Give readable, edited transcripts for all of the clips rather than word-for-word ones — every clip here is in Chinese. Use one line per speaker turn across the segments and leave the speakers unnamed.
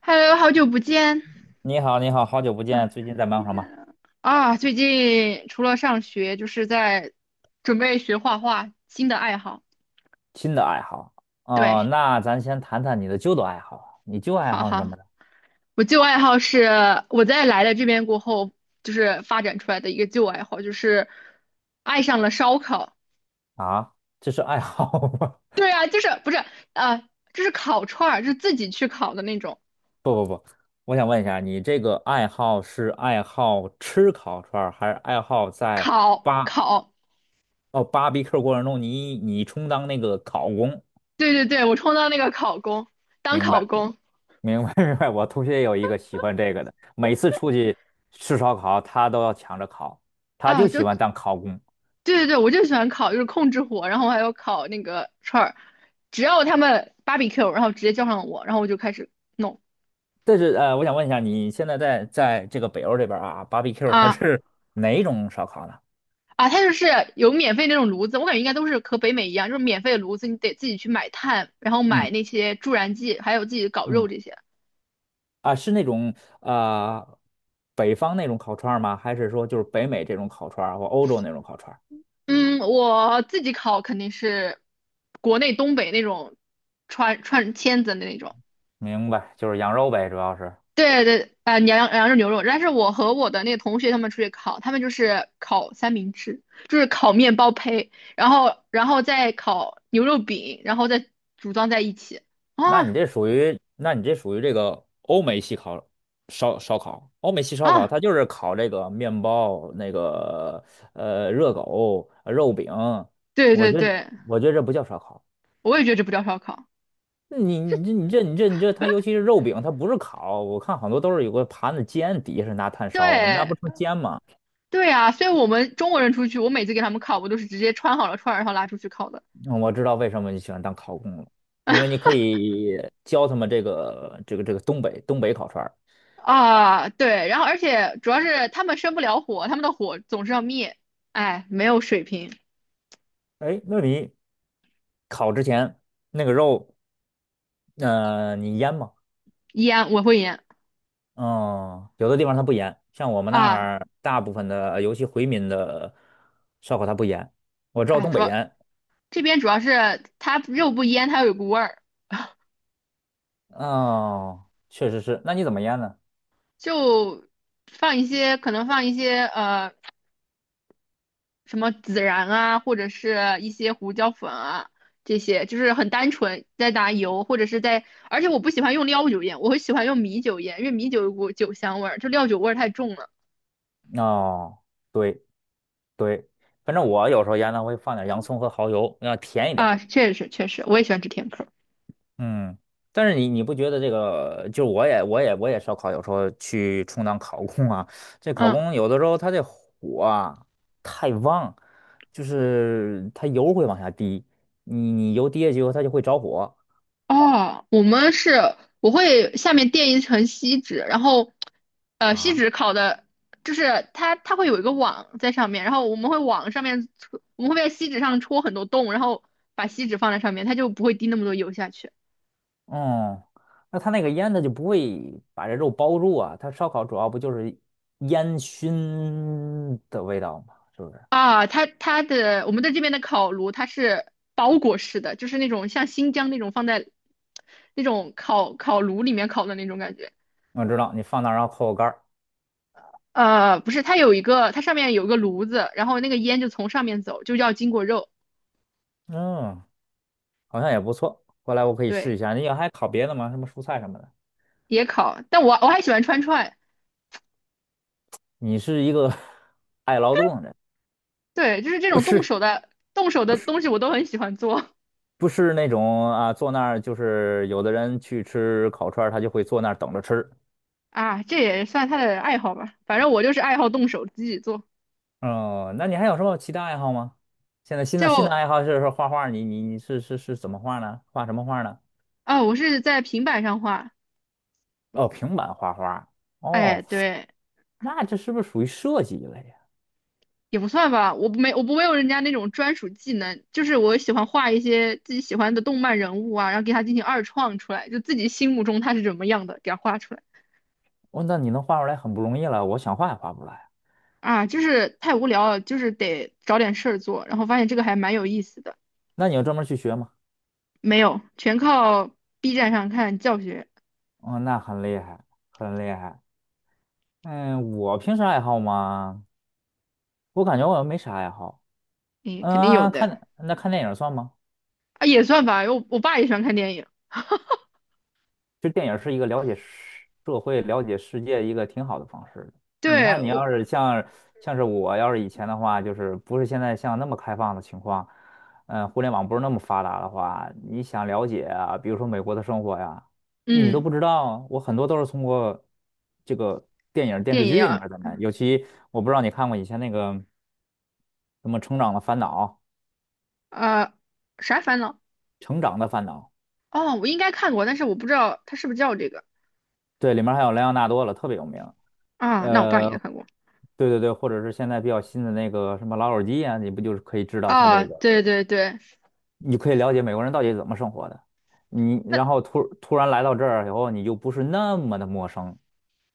Hello，好久不见。
你好，你好，好久不
啊
见，最近在忙什么？
最近除了上学，就是在准备学画画，新的爱好。
新的爱好。哦，
对，
那咱先谈谈你的旧的爱好。你旧爱
好
好是什
好，
么呢？
我旧爱好是我在来了这边过后，就是发展出来的一个旧爱好，就是爱上了烧烤。
啊，这是爱好吗？
对啊，就是不是啊，就是烤串儿，就是自己去烤的那种
我想问一下，你这个爱好是爱好吃烤串儿，还是爱好在
烤
巴
烤。
哦 barbecue 过程中你充当那个烤工？
对对对，我充当那个烤工，当
明
烤
白，
工
明白，明白。我同学有一个喜欢这个的，每次出去吃烧烤，他都要抢着烤，他就
啊，
喜
就
欢当烤工。
对对对，我就喜欢烤，就是控制火，然后还有烤那个串儿，只要他们 barbecue，然后直接叫上我，然后我就开始弄
但是我想问一下，你现在在这个北欧这边儿啊，barbecue 它
啊
是哪一种烧烤呢？
它就是有免费那种炉子，我感觉应该都是和北美一样，就是免费的炉子，你得自己去买炭，然后买
嗯
那些助燃剂，还有自己搞肉
嗯。
这些。
啊，是那种呃北方那种烤串儿吗？还是说就是北美这种烤串儿或欧洲那种烤串儿？
嗯，我自己烤肯定是国内东北那种串串签子的那种，
明白，就是羊肉呗，主要是。
对对，啊、羊肉牛肉，但是我和我的那个同学他们出去烤，他们就是烤三明治，就是烤面包胚，然后再烤牛肉饼，然后再组装在一起。
那你
啊
这属于，那你这属于这个欧美系烧烤，欧美系烧烤
啊，
它就是烤这个面包、那个热狗、肉饼，
对
我
对
觉得
对，
我觉得这不叫烧烤。
我也觉得这不叫烧烤。
你这，它尤其是肉饼，它不是烤，我看好多都是有个盘子煎，底下是拿炭烧，那不成
对
煎吗？
对啊，所以我们中国人出去，我每次给他们烤，我都是直接穿好了串儿，然后拉出去烤的。
嗯我知道为什么你喜欢当烤工了，因为你可以教他们这个东北烤串儿。
啊，对，然后而且主要是他们生不了火，他们的火总是要灭，哎，没有水平，
哎，那你烤之前那个肉，你腌吗？
烟我会烟
嗯，有的地方它不腌，像我们那
啊
儿大部分的，尤其回民的烧烤它不腌，我知道东
主
北
要
腌。
这边主要是它肉不腌，它有股味儿，
嗯，确实是，那你怎么腌呢？
就放一些可能放一些什么孜然啊，或者是一些胡椒粉啊，这些就是很单纯，在打油或者是在，而且我不喜欢用料酒腌，我会喜欢用米酒腌，因为米酒有股酒香味儿，就料酒味儿太重了
哦。对，对，反正我有时候腌呢会放点洋葱和蚝油，要甜一点
啊，
儿。
确实确实，我也喜欢吃甜口儿，
嗯，但是你不觉得这个，就我也烧烤，有时候去充当烤工啊，这烤
嗯。
工有的时候他这火啊太旺，就是它油会往下滴，你油滴下去以后它就会着火
哦，我们是我会下面垫一层锡纸，然后锡
啊？
纸烤的，就是它会有一个网在上面，然后我们会在锡纸上戳很多洞，然后把锡纸放在上面，它就不会滴那么多油下去
嗯，那它那个烟它就不会把这肉包住啊，它烧烤主要不就是烟熏的味道吗？是不是？
啊。它它的我们的这边的烤炉它是包裹式的，就是那种像新疆那种放在那种烤炉里面烤的那种感觉。
我知道你放那儿然后扣个盖儿。
不是，它上面有一个炉子，然后那个烟就从上面走，就要经过肉。
嗯，好像也不错。过来我可以试
对。
一下。你还烤别的吗？什么蔬菜什么的？
也烤，但我还喜欢串串，
你是一个 爱劳动的人，
对，就是这
不
种动
是
手的动手
不
的
是
东西我都很喜欢做
不是那种啊，坐那儿就是有的人去吃烤串儿，他就会坐那儿等着吃。
啊，这也算他的爱好吧，反正我就是爱好动手自己做，
哦，那你还有什么其他爱好吗？现在新的
就
爱好是画画，你是怎么画呢？画什么画呢？
我是在平板上画，
哦，平板画画。
哎，
哦，
对，
那这是不是属于设计一类呀？
也不算吧，我不会用人家那种专属技能，就是我喜欢画一些自己喜欢的动漫人物啊，然后给他进行二创出来，就自己心目中他是怎么样的，给他画出来
哦，那你能画出来很不容易了，我想画也画不出来啊。
啊，就是太无聊了，就是得找点事儿做，然后发现这个还蛮有意思的。
那你要专门去学吗？
没有，全靠 B 站上看教学，
哦，那很厉害，很厉害。嗯，我平时爱好吗？我感觉我没啥爱好。
诶，
嗯，
肯定有的
那看电影算吗？
啊，也算吧。我爸也喜欢看电影，
其实电影是一个了解社会、了解世界一个挺好的方式的。你
对
看，你
我，
要是像我要是以前的话，就是不是现在像那么开放的情况，互联网不是那么发达的话，你想了解啊，比如说美国的生活呀，你都
嗯，
不知道。我很多都是通过这个电影、电
电
视剧
影
里面
啊，
儿的呢。尤其我不知道你看过以前那个什么《成长的烦恼》，
呃，啥烦恼？
《成长的烦恼》，
哦，我应该看过，但是我不知道他是不是叫这个
对，里面还有莱昂纳多了，特别有名。
啊。那我爸
呃，
应该看过
对对对，或者是现在比较新的那个什么老友记啊，你不就是可以知道它
啊，
这个，
对对对，
你可以了解美国人到底怎么生活的。你
那
然后突然来到这儿以后，你就不是那么的陌生，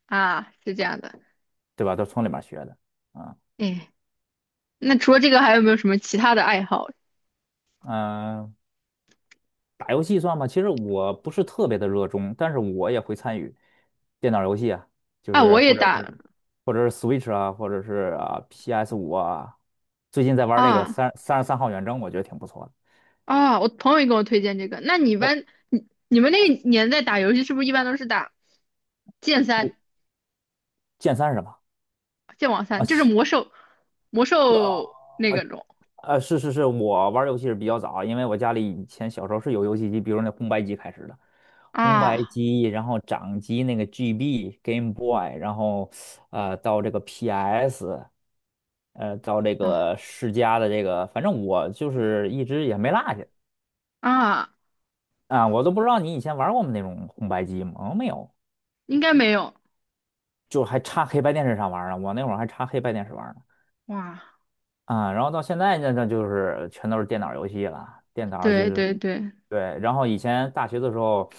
是这样的，
对吧？都是从里面学的啊。
哎，那除了这个还有没有什么其他的爱好？
嗯、打游戏算吧，其实我不是特别的热衷，但是我也会参与电脑游戏啊，就
啊，
是
我也
或者
打
是或者是 Switch 啊，或者是啊 PS5啊。最近在玩这个
啊
三十三号远征，我觉得挺不错的。
我朋友也给我推荐这个。那你一
我
般你你们那个年代打游戏是不是一般都是打剑
我
三？
剑三是什么？
剑网
啊，
三就是魔兽，魔兽那个种
是是是，我玩儿游戏是比较早，因为我家里以前小时候是有游戏机，比如那红白机开始的，红白
啊
机，然后掌机那个 GB Game Boy，然后到这个 PS，到这
啊
个世嘉的这个，反正我就是一直也没落下
啊，
啊，我都不知道你以前玩过我们那种红白机吗？哦没有，
应该没有
就还插黑白电视上玩儿呢，我那会儿还插黑白电视玩儿呢。
哇，
啊，然后到现在呢，那就是全都是电脑游戏了，电脑就
对
是
对对
对。然后以前大学的时候，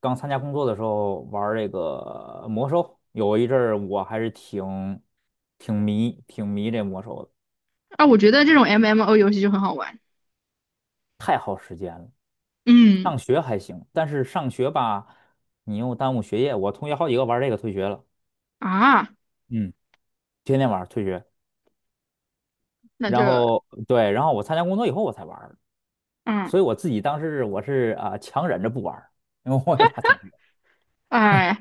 刚参加工作的时候玩儿这个魔兽，有一阵儿我还是挺迷这魔兽的，
啊，我觉得这种 MMO 游戏就很好玩，
太耗时间了。
嗯
上学还行，但是上学吧，你又耽误学业。我同学好几个玩这个退学了，
啊，
嗯，天天玩儿退学。
那就
然后对，然后我参加工作以后我才玩儿。
嗯
所以我自己当时我是啊、强忍着不玩儿，因为我也怕退学。
哎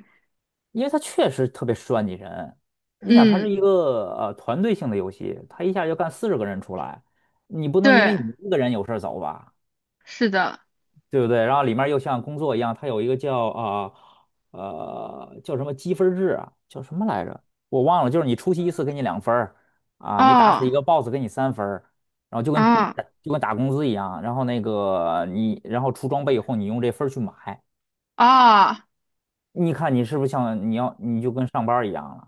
因为它确实特别算计人。你想，它
嗯
是一个团队性的游戏，它一下就干40个人出来，你不能因
对，
为你一个人有事儿走吧，
是的
对不对？然后里面又像工作一样，它有一个叫啊呃，叫什么积分制啊，叫什么来着？我忘了，就是你出席一次给你2分儿啊，你打死一
哦
个 BOSS 给你3分儿，然后就跟
啊
就跟打工资一样，然后那个你然后出装备以后你用这分儿去买。
啊，
你看你是不是像你要你就跟上班儿一样了？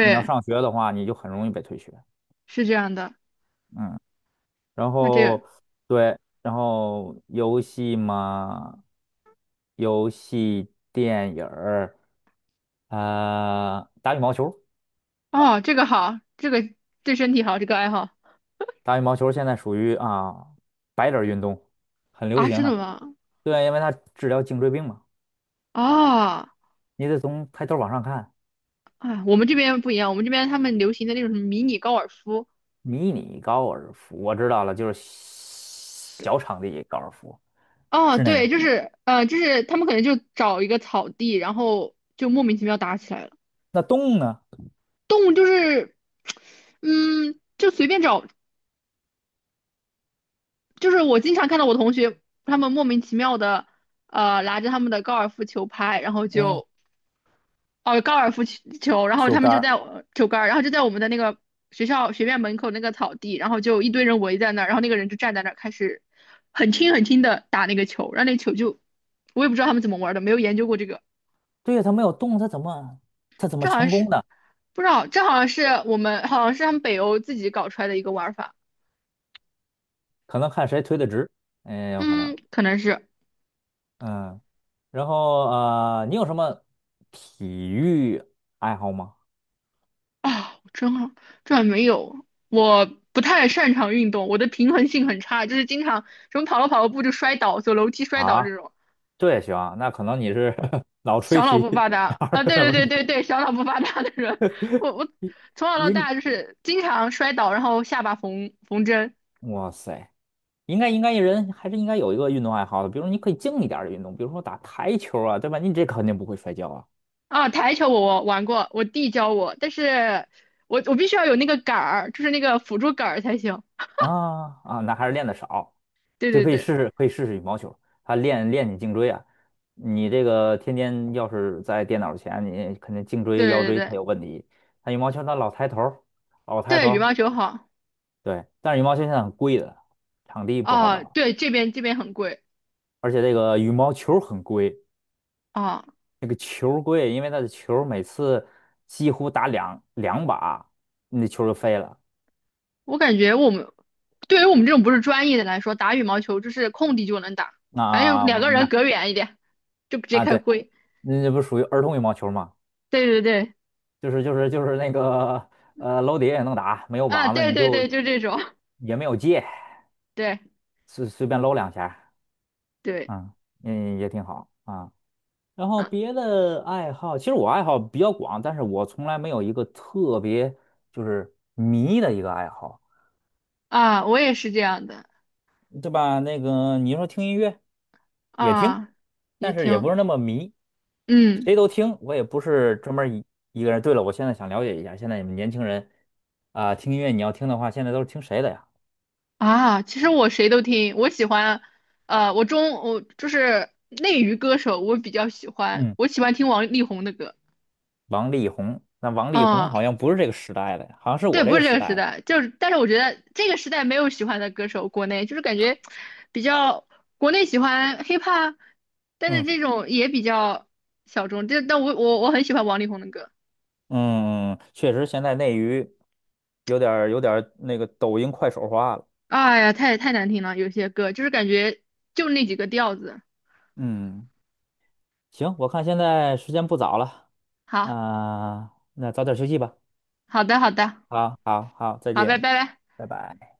你要上学的话，你就很容易被退学。
是这样的，
嗯，然
那这个
后对，然后游戏嘛，游戏、电影儿，打羽毛球。
哦这个好，这个对身体好，这个爱好
打羽毛球现在属于啊白领儿运动，很流
啊，
行
真的
的。
吗？
对，因为它治疗颈椎病嘛，
啊。
你得从抬头往上看。
啊，我们这边不一样，我们这边他们流行的那种什么迷你高尔夫。
迷你高尔夫，我知道了，就是小场地高尔夫，
哦，
是那个。
对，就是他们可能就找一个草地，然后就莫名其妙打起来了。
那洞呢？
动物就是，嗯，就随便找，就是我经常看到我同学他们莫名其妙的，拿着他们的高尔夫球拍，然后
嗯，
就哦，高尔夫球，然后
球
他们
杆
就
儿，
在我球杆儿然后就在我们的那个学校学院门口那个草地，然后就一堆人围在那儿，然后那个人就站在那儿开始很轻很轻的打那个球，然后那球就我也不知道他们怎么玩的，没有研究过这个，
对呀，他没有动，他怎么
这好像
成功
是
的？
不知道，这好像是我们好像是他们北欧自己搞出来的一个玩法，
可能看谁推的直，哎，有可能，
嗯，可能是
嗯，然后你有什么体育爱好吗？
啊，我真好，这还没有，我不太擅长运动，我的平衡性很差，就是经常什么跑了步就摔倒，走楼梯摔倒
啊，
这种。
这也行啊，那可能你是 脑吹
小脑
题，
不发 达
哪儿
啊，
有
对
点
对
问
对
题？
对对，小脑不发达的人，我从小到
应，
大就是经常摔倒，然后下巴缝缝针
哇塞，应该一人还是应该有一个运动爱好的，比如你可以静一点儿的运动，比如说打台球啊，对吧？你这肯定不会摔跤啊。
啊。台球我玩过，我弟教我，但是我必须要有那个杆儿，就是那个辅助杆儿才行。
啊啊，那还是练的少，
对
就
对
可以
对
试试，可以试试羽毛球，它练练你颈椎啊。你这个天天要是在电脑前，你肯定颈椎、腰
对对
椎它
对
有问题。它羽毛球它老抬头儿，老抬头
对，羽
儿。
毛球好
对，但是羽毛球现在很贵的，场地不好
啊，
找，
对这边很贵
而且这个羽毛球很贵，
啊，
那个球儿贵，因为它的球儿每次几乎打两把，你的球儿就飞了。
我感觉对于我们这种不是专业的来说，打羽毛球就是空地就能打，反正有
啊，
两
我
个
明
人
白
隔远一点，就直接
啊，
开
对，
挥。
那这不属于儿童羽毛球吗？
对对对。
就是那个楼底下也能打，没有
啊，
网子
对
你
对
就
对，就这种，
也没有界，
对
随便搂两下
对，
啊，嗯，嗯也挺好啊。然后
啊
别的爱好，其实我爱好比较广，但是我从来没有一个特别就是迷的一个爱好，
我也是这样的
对吧？那个你说听音乐也听，
啊，也
但是也不
听，
是那么迷，
嗯
谁都听，我也不是专门一个人。对了，我现在想了解一下，现在你们年轻人啊，听音乐你要听的话，现在都是听谁的呀？
啊，其实我谁都听，我喜欢，我就是内娱歌手，我比较喜欢，
嗯，
我喜欢听王力宏的歌，
王力宏，那王力宏
啊，
好像不是这个时代的，好像是
对，
我这
不
个
是这
时
个时
代的。
代，就是，但是我觉得这个时代没有喜欢的歌手，国内就是感觉比较，国内喜欢 hiphop,但是
嗯
这种也比较小众，但我很喜欢王力宏的歌。
嗯，确实现在内娱有点儿那个抖音快手化了。
哎呀，太难听了，有些歌就是感觉就那几个调子。
嗯，行，我看现在时间不早了
好，
啊，那早点休息吧。
好的，好的，
好，好，好，再
好，拜
见，
拜。
拜拜。